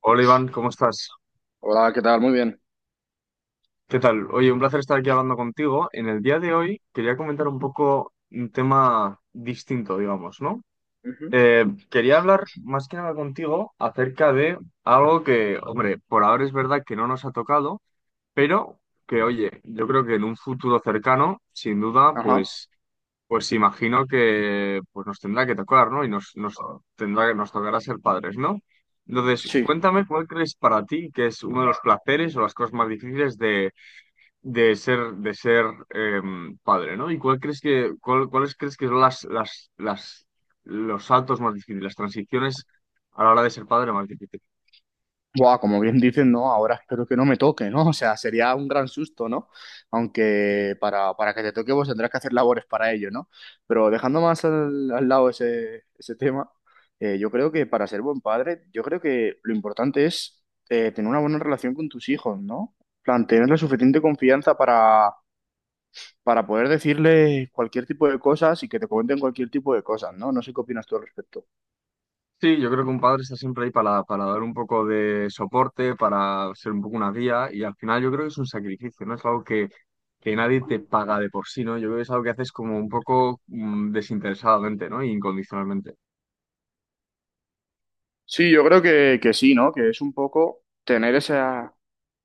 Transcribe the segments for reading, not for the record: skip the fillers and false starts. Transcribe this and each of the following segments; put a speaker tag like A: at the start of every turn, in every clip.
A: Hola Iván, ¿cómo estás?
B: Hola, ¿qué tal? Muy bien.
A: ¿Qué tal? Oye, un placer estar aquí hablando contigo. En el día de hoy quería comentar un poco un tema distinto, digamos, ¿no?
B: Ujú.
A: Eh, Quería hablar más que nada contigo acerca de algo que, hombre, por ahora es verdad que no nos ha tocado, pero que, oye, yo creo que en un futuro cercano, sin duda,
B: Ajá.
A: pues pues imagino que pues nos tendrá que tocar, ¿no? Y nos tendrá que nos tocará ser padres, ¿no? Entonces,
B: Sí.
A: cuéntame cuál crees para ti que es uno de los placeres o las cosas más difíciles de ser padre, ¿no? Y cuál crees que, cuáles crees que son las los saltos más difíciles, las transiciones a la hora de ser padre más difíciles.
B: Buah, como bien dicen, ¿no? Ahora espero que no me toque, ¿no? O sea, sería un gran susto, ¿no? Aunque para que te toque vos tendrás que hacer labores para ello, ¿no? Pero dejando más al lado ese, ese tema, yo creo que para ser buen padre, yo creo que lo importante es tener una buena relación con tus hijos, ¿no? En plan, tener la suficiente confianza para poder decirle cualquier tipo de cosas y que te comenten cualquier tipo de cosas, ¿no? No sé qué opinas tú al respecto.
A: Sí, yo creo que un padre está siempre ahí para dar un poco de soporte, para ser un poco una guía y al final yo creo que es un sacrificio, ¿no? Es algo que nadie te paga de por sí, ¿no? Yo creo que es algo que haces como un poco desinteresadamente, ¿no? E incondicionalmente.
B: Sí, yo creo que sí, ¿no? Que es un poco tener esa,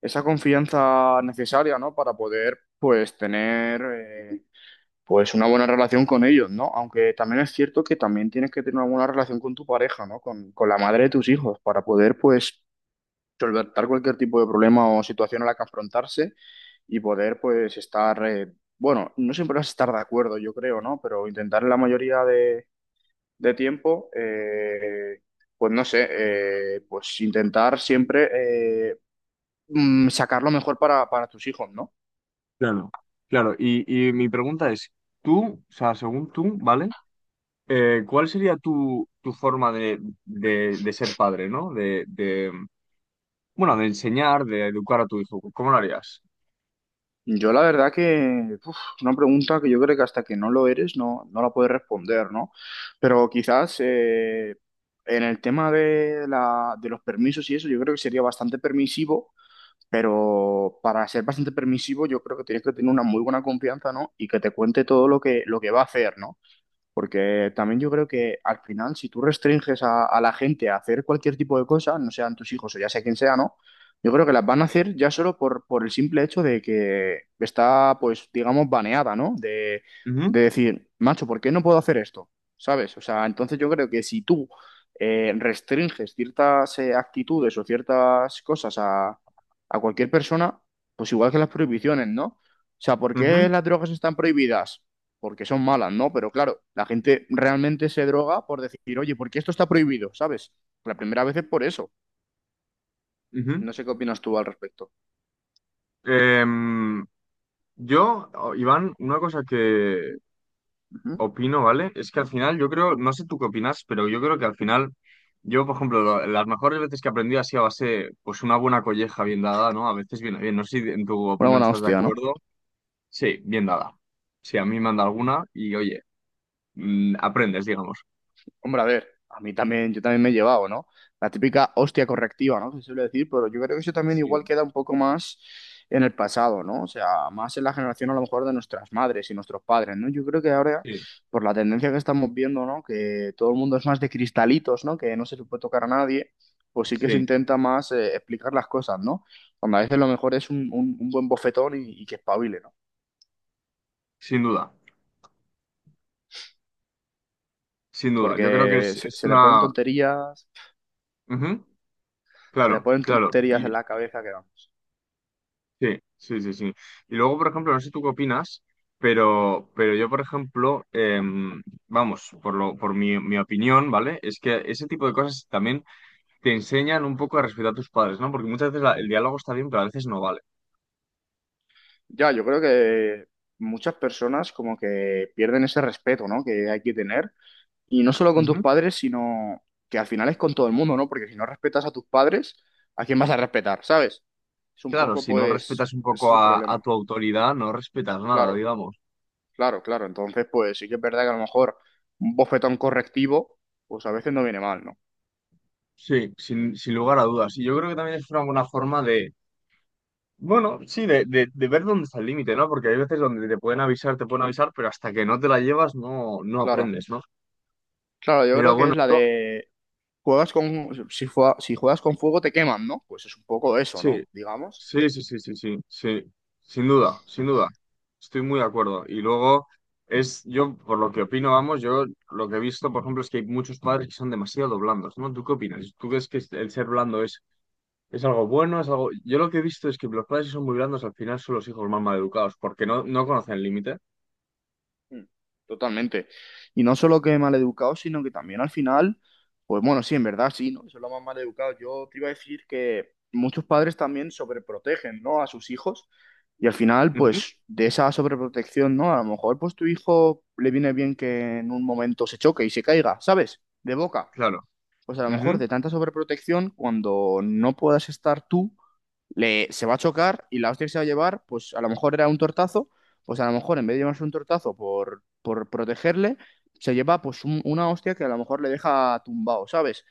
B: esa confianza necesaria, ¿no? Para poder, pues, tener, pues, una buena relación con ellos, ¿no? Aunque también es cierto que también tienes que tener una buena relación con tu pareja, ¿no? Con la madre de tus hijos, para poder, pues, solventar cualquier tipo de problema o situación a la que afrontarse y poder, pues, estar, bueno, no siempre vas a estar de acuerdo, yo creo, ¿no? Pero intentar en la mayoría de tiempo, pues no sé, pues intentar siempre sacar lo mejor para tus hijos, ¿no?
A: Claro. Claro, y mi pregunta es, tú, o sea, según tú, ¿vale? ¿Cuál sería tu, tu forma de ser padre, ¿no? De, bueno, de enseñar, de educar a tu hijo. ¿Cómo lo harías?
B: Yo la verdad que uf, es una pregunta que yo creo que hasta que no lo eres no la puedes responder, ¿no? Pero quizás en el tema de los permisos y eso, yo creo que sería bastante permisivo, pero para ser bastante permisivo yo creo que tienes que tener una muy buena confianza, ¿no? Y que te cuente todo lo que va a hacer, ¿no? Porque también yo creo que al final, si tú restringes a la gente a hacer cualquier tipo de cosa, no sean tus hijos o ya sea quien sea, ¿no? Yo creo que las van a hacer ya solo por el simple hecho de que está, pues, digamos, baneada, ¿no?
A: Ujú,
B: De decir, macho, ¿por qué no puedo hacer esto? ¿Sabes? O sea, entonces yo creo que si tú restringes ciertas actitudes o ciertas cosas a cualquier persona, pues igual que las prohibiciones, ¿no? O sea, ¿por
A: ujú,
B: qué las drogas están prohibidas? Porque son malas, ¿no? Pero claro, la gente realmente se droga por decir, oye, ¿por qué esto está prohibido? ¿Sabes? La primera vez es por eso.
A: ujú.
B: No sé qué opinas tú al respecto.
A: Em, Yo, Iván, una cosa que
B: Ujú.
A: opino, ¿vale? Es que al final yo creo, no sé tú qué opinas, pero yo creo que al final, yo, por ejemplo, las mejores veces que he aprendido ha sido a base, pues una buena colleja bien dada, ¿no? A veces viene bien, no sé si en tu
B: Una
A: opinión
B: buena
A: estás de
B: hostia, ¿no?
A: acuerdo. Sí, bien dada. Sí, a mí me han dado alguna y oye, aprendes, digamos.
B: Hombre, a ver, a mí también, yo también me he llevado, ¿no? La típica hostia correctiva, ¿no?, se suele decir, pero yo creo que eso también
A: Sí,
B: igual queda un poco más en el pasado, ¿no? O sea, más en la generación a lo mejor de nuestras madres y nuestros padres, ¿no? Yo creo que ahora,
A: sí,
B: por la tendencia que estamos viendo, ¿no? Que todo el mundo es más de cristalitos, ¿no? Que no se le puede tocar a nadie, pues sí que se
A: sí,
B: intenta más explicar las cosas, ¿no? Cuando a veces lo mejor es un buen bofetón y que espabile, ¿no?
A: sin duda, sin duda. Yo creo que
B: Porque
A: es
B: se le ponen
A: una...
B: tonterías,
A: Ujú,
B: se le
A: claro,
B: ponen
A: claro.
B: tonterías en la cabeza que vamos.
A: Sí, sí, sí, sí. Y luego, por ejemplo, no sé tú qué opinas, pero yo, por ejemplo, vamos, por lo, por mi, mi opinión, ¿vale? Es que ese tipo de cosas también te enseñan un poco a respetar a tus padres, ¿no? Porque muchas veces el diálogo está bien, pero a veces no vale.
B: Ya, yo creo que muchas personas como que pierden ese respeto, ¿no? Que hay que tener. Y no solo con tus
A: Ujú.
B: padres, sino que al final es con todo el mundo, ¿no? Porque si no respetas a tus padres, ¿a quién vas a respetar? ¿Sabes? Es un
A: Claro,
B: poco,
A: si no
B: pues,
A: respetas un
B: ese es
A: poco
B: el
A: a
B: problema.
A: tu autoridad, no respetas nada,
B: Claro,
A: digamos.
B: claro, claro. Entonces, pues sí que es verdad que a lo mejor un bofetón correctivo, pues a veces no viene mal, ¿no?
A: Sí, sin, sin lugar a dudas. Y yo creo que también es una buena forma de, bueno, sí, de ver dónde está el límite, ¿no? Porque hay veces donde te pueden avisar, pero hasta que no te la llevas no, no
B: Claro,
A: aprendes, ¿no?
B: claro, yo
A: Pero
B: creo que
A: bueno,
B: es la de juegas con, si, si juegas con fuego te queman, ¿no? Pues es un poco eso,
A: sí,
B: ¿no? Digamos.
A: sí, sí, sí, sí, sí, sí, sin duda, sin duda, estoy muy de acuerdo. Y luego es, yo por lo que opino, vamos, yo lo que he visto, por ejemplo, es que hay muchos padres que son demasiado blandos, ¿no? ¿Tú qué opinas? ¿Tú crees que el ser blando es algo bueno? Es algo... Yo lo que he visto es que los padres que son muy blandos al final son los hijos más mal educados, porque no, no conocen el límite.
B: Mm. Totalmente. Y no solo que maleducado, sino que también al final, pues bueno, sí, en verdad sí, ¿no? Son los más maleducados. Yo te iba a decir que muchos padres también sobreprotegen, ¿no? A sus hijos. Y al final,
A: Ujú,
B: pues de esa sobreprotección, ¿no? A lo mejor, pues tu hijo le viene bien que en un momento se choque y se caiga, ¿sabes? De boca.
A: claro.
B: Pues a lo mejor
A: Ujú,
B: de tanta sobreprotección, cuando no puedas estar tú se va a chocar y la hostia que se va a llevar, pues a lo mejor era un tortazo, pues a lo mejor en vez de llevarse un tortazo por protegerle, se lleva pues una hostia que a lo mejor le deja tumbado, ¿sabes?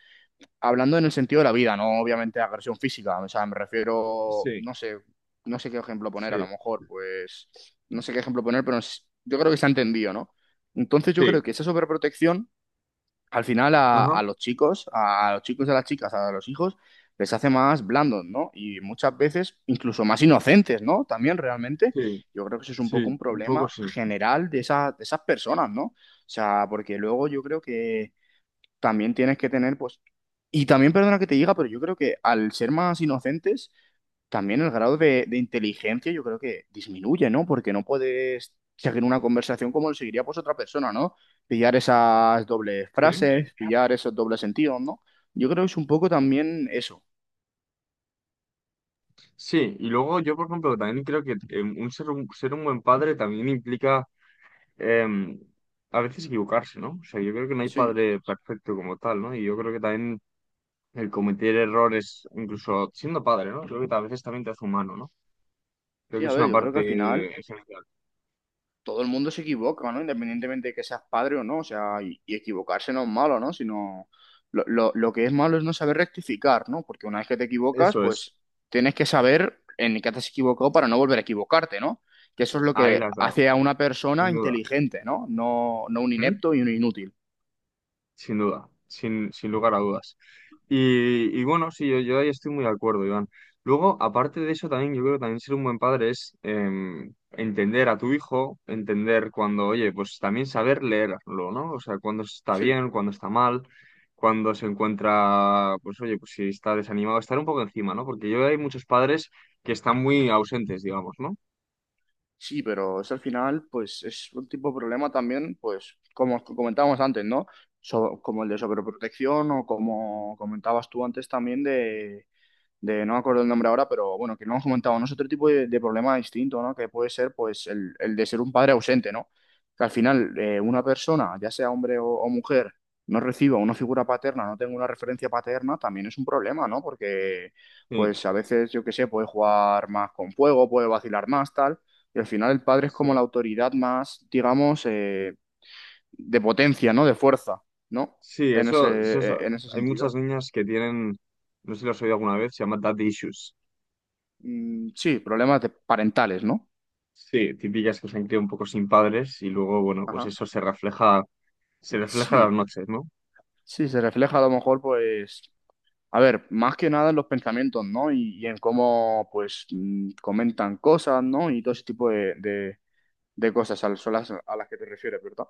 B: Hablando en el sentido de la vida, no obviamente agresión física, o sea, me refiero,
A: sí,
B: no sé, no sé qué ejemplo poner, a lo
A: sí,
B: mejor, pues, no sé qué ejemplo poner, pero yo creo que se ha entendido, ¿no? Entonces yo
A: sí,
B: creo que esa sobreprotección al final
A: ajá,
B: a los chicos y a las chicas, a los hijos, les hace más blandos, ¿no? Y muchas veces incluso más inocentes, ¿no? También realmente,
A: sí,
B: yo creo que eso es un poco
A: sí,
B: un
A: un poco
B: problema
A: sí.
B: general de esas personas, ¿no? O sea, porque luego yo creo que también tienes que tener, pues, y también perdona que te diga, pero yo creo que al ser más inocentes, también el grado de inteligencia yo creo que disminuye, ¿no? Porque no puedes seguir una conversación como lo seguiría pues otra persona, ¿no? Pillar esas dobles
A: Sí.
B: frases, pillar esos dobles sentidos, ¿no? Yo creo que es un poco también eso.
A: Sí, y luego yo, por ejemplo, también creo que un ser un, ser un buen padre también implica em, a veces equivocarse, ¿no? O sea, yo creo que no hay
B: Sí,
A: padre perfecto como tal, ¿no? Y yo creo que también el cometer errores, incluso siendo padre, ¿no? Creo que a veces también te hace humano, ¿no? Creo
B: sí,
A: que
B: a
A: es
B: ver,
A: una
B: yo creo que al final
A: parte esencial.
B: todo el mundo se equivoca, ¿no? Independientemente de que seas padre o no, o sea, y equivocarse no es malo, ¿no? Sino lo que es malo es no saber rectificar, ¿no? Porque una vez que te equivocas,
A: Eso es,
B: pues tienes que saber en qué te has equivocado para no volver a equivocarte, ¿no? Que eso es lo
A: ahí la
B: que
A: has dado,
B: hace a una persona
A: sin duda.
B: inteligente, ¿no? No un inepto y un inútil.
A: Sin duda, sin, sin lugar a dudas. Y bueno, sí, yo ahí estoy muy de acuerdo, Iván. Luego, aparte de eso, también yo creo que también ser un buen padre es entender a tu hijo, entender cuando, oye, pues también saber leerlo, ¿no? O sea, cuando está
B: Sí.
A: bien, cuando está mal, cuando se encuentra, pues oye, pues si está desanimado, estar un poco encima, ¿no? Porque yo veo que hay muchos padres que están muy ausentes, digamos, ¿no?
B: Sí, pero eso al final, pues es un tipo de problema también, pues como comentábamos antes, ¿no? Como el de sobreprotección o como comentabas tú antes también de, no me acuerdo el nombre ahora, pero bueno, que lo hemos comentado, ¿no? Es otro tipo de problema distinto, ¿no? Que puede ser, pues, el de ser un padre ausente, ¿no? Que al final una persona, ya sea hombre o mujer, no reciba una figura paterna, no tenga una referencia paterna, también es un problema, ¿no? Porque,
A: Sí.
B: pues, a veces, yo qué sé, puede jugar más con fuego, puede vacilar más, tal, y al final el padre es como la
A: Sí.
B: autoridad más, digamos, de potencia, ¿no? De fuerza, ¿no?
A: Sí, eso,
B: En ese
A: hay muchas
B: sentido.
A: niñas que tienen, no sé si lo has oído alguna vez, se llama dad issues.
B: Mm, sí, problemas de- parentales, ¿no?
A: Sí, típicas que se han criado un poco sin padres y luego, bueno, pues
B: Ajá.
A: eso se refleja en las
B: Sí,
A: noches, ¿no?
B: sí, se refleja a lo mejor, pues, a ver, más que nada en los pensamientos, ¿no? Y en cómo, pues, mm, comentan cosas, ¿no? Y todo ese tipo de cosas son a las que te refieres, ¿verdad?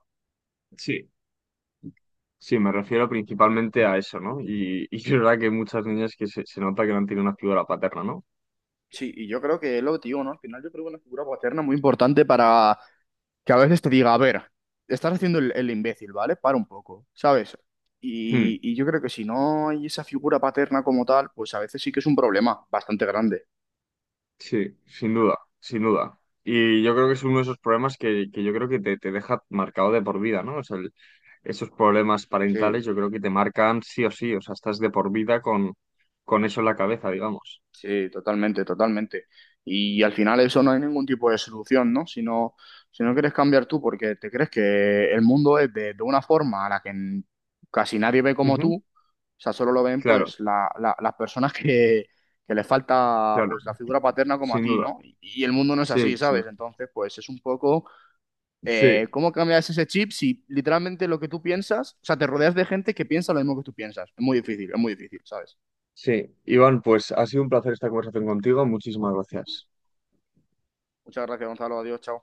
A: Sí. Sí, me refiero principalmente a eso, ¿no? Y es verdad que hay muchas niñas que se nota que no han tenido una figura paterna, ¿no?
B: Sí, y yo creo que es lo que te digo, ¿no? Al final yo creo que una figura paterna muy importante para que a veces te diga, a ver, estás haciendo el imbécil, ¿vale? Para un poco, ¿sabes?
A: Hmm,
B: Y yo creo que si no hay esa figura paterna como tal, pues a veces sí que es un problema bastante grande.
A: sí, sin duda, sin duda. Y yo creo que es uno de esos problemas que yo creo que te deja marcado de por vida, ¿no? O sea, esos problemas
B: Sí.
A: parentales yo creo que te marcan sí o sí, o sea, estás de por vida con eso en la cabeza, digamos.
B: Sí, totalmente, totalmente. Y al final eso no hay ningún tipo de solución, ¿no? Si no, si no quieres cambiar tú porque te crees que el mundo es de una forma a la que casi nadie ve como
A: Ujú.
B: tú, o sea, solo lo ven
A: Claro,
B: pues las personas que les falta
A: claro,
B: pues la figura paterna como a
A: sin
B: ti,
A: duda.
B: ¿no? Y el mundo no es
A: Sí,
B: así,
A: sí.
B: ¿sabes? Entonces, pues es un poco,
A: Sí,
B: ¿cómo cambias ese chip si literalmente lo que tú piensas, o sea, te rodeas de gente que piensa lo mismo que tú piensas? Es muy difícil, ¿sabes?
A: sí. Iván, pues ha sido un placer esta conversación contigo. Muchísimas gracias.
B: Muchas gracias, Gonzalo. Adiós, chao.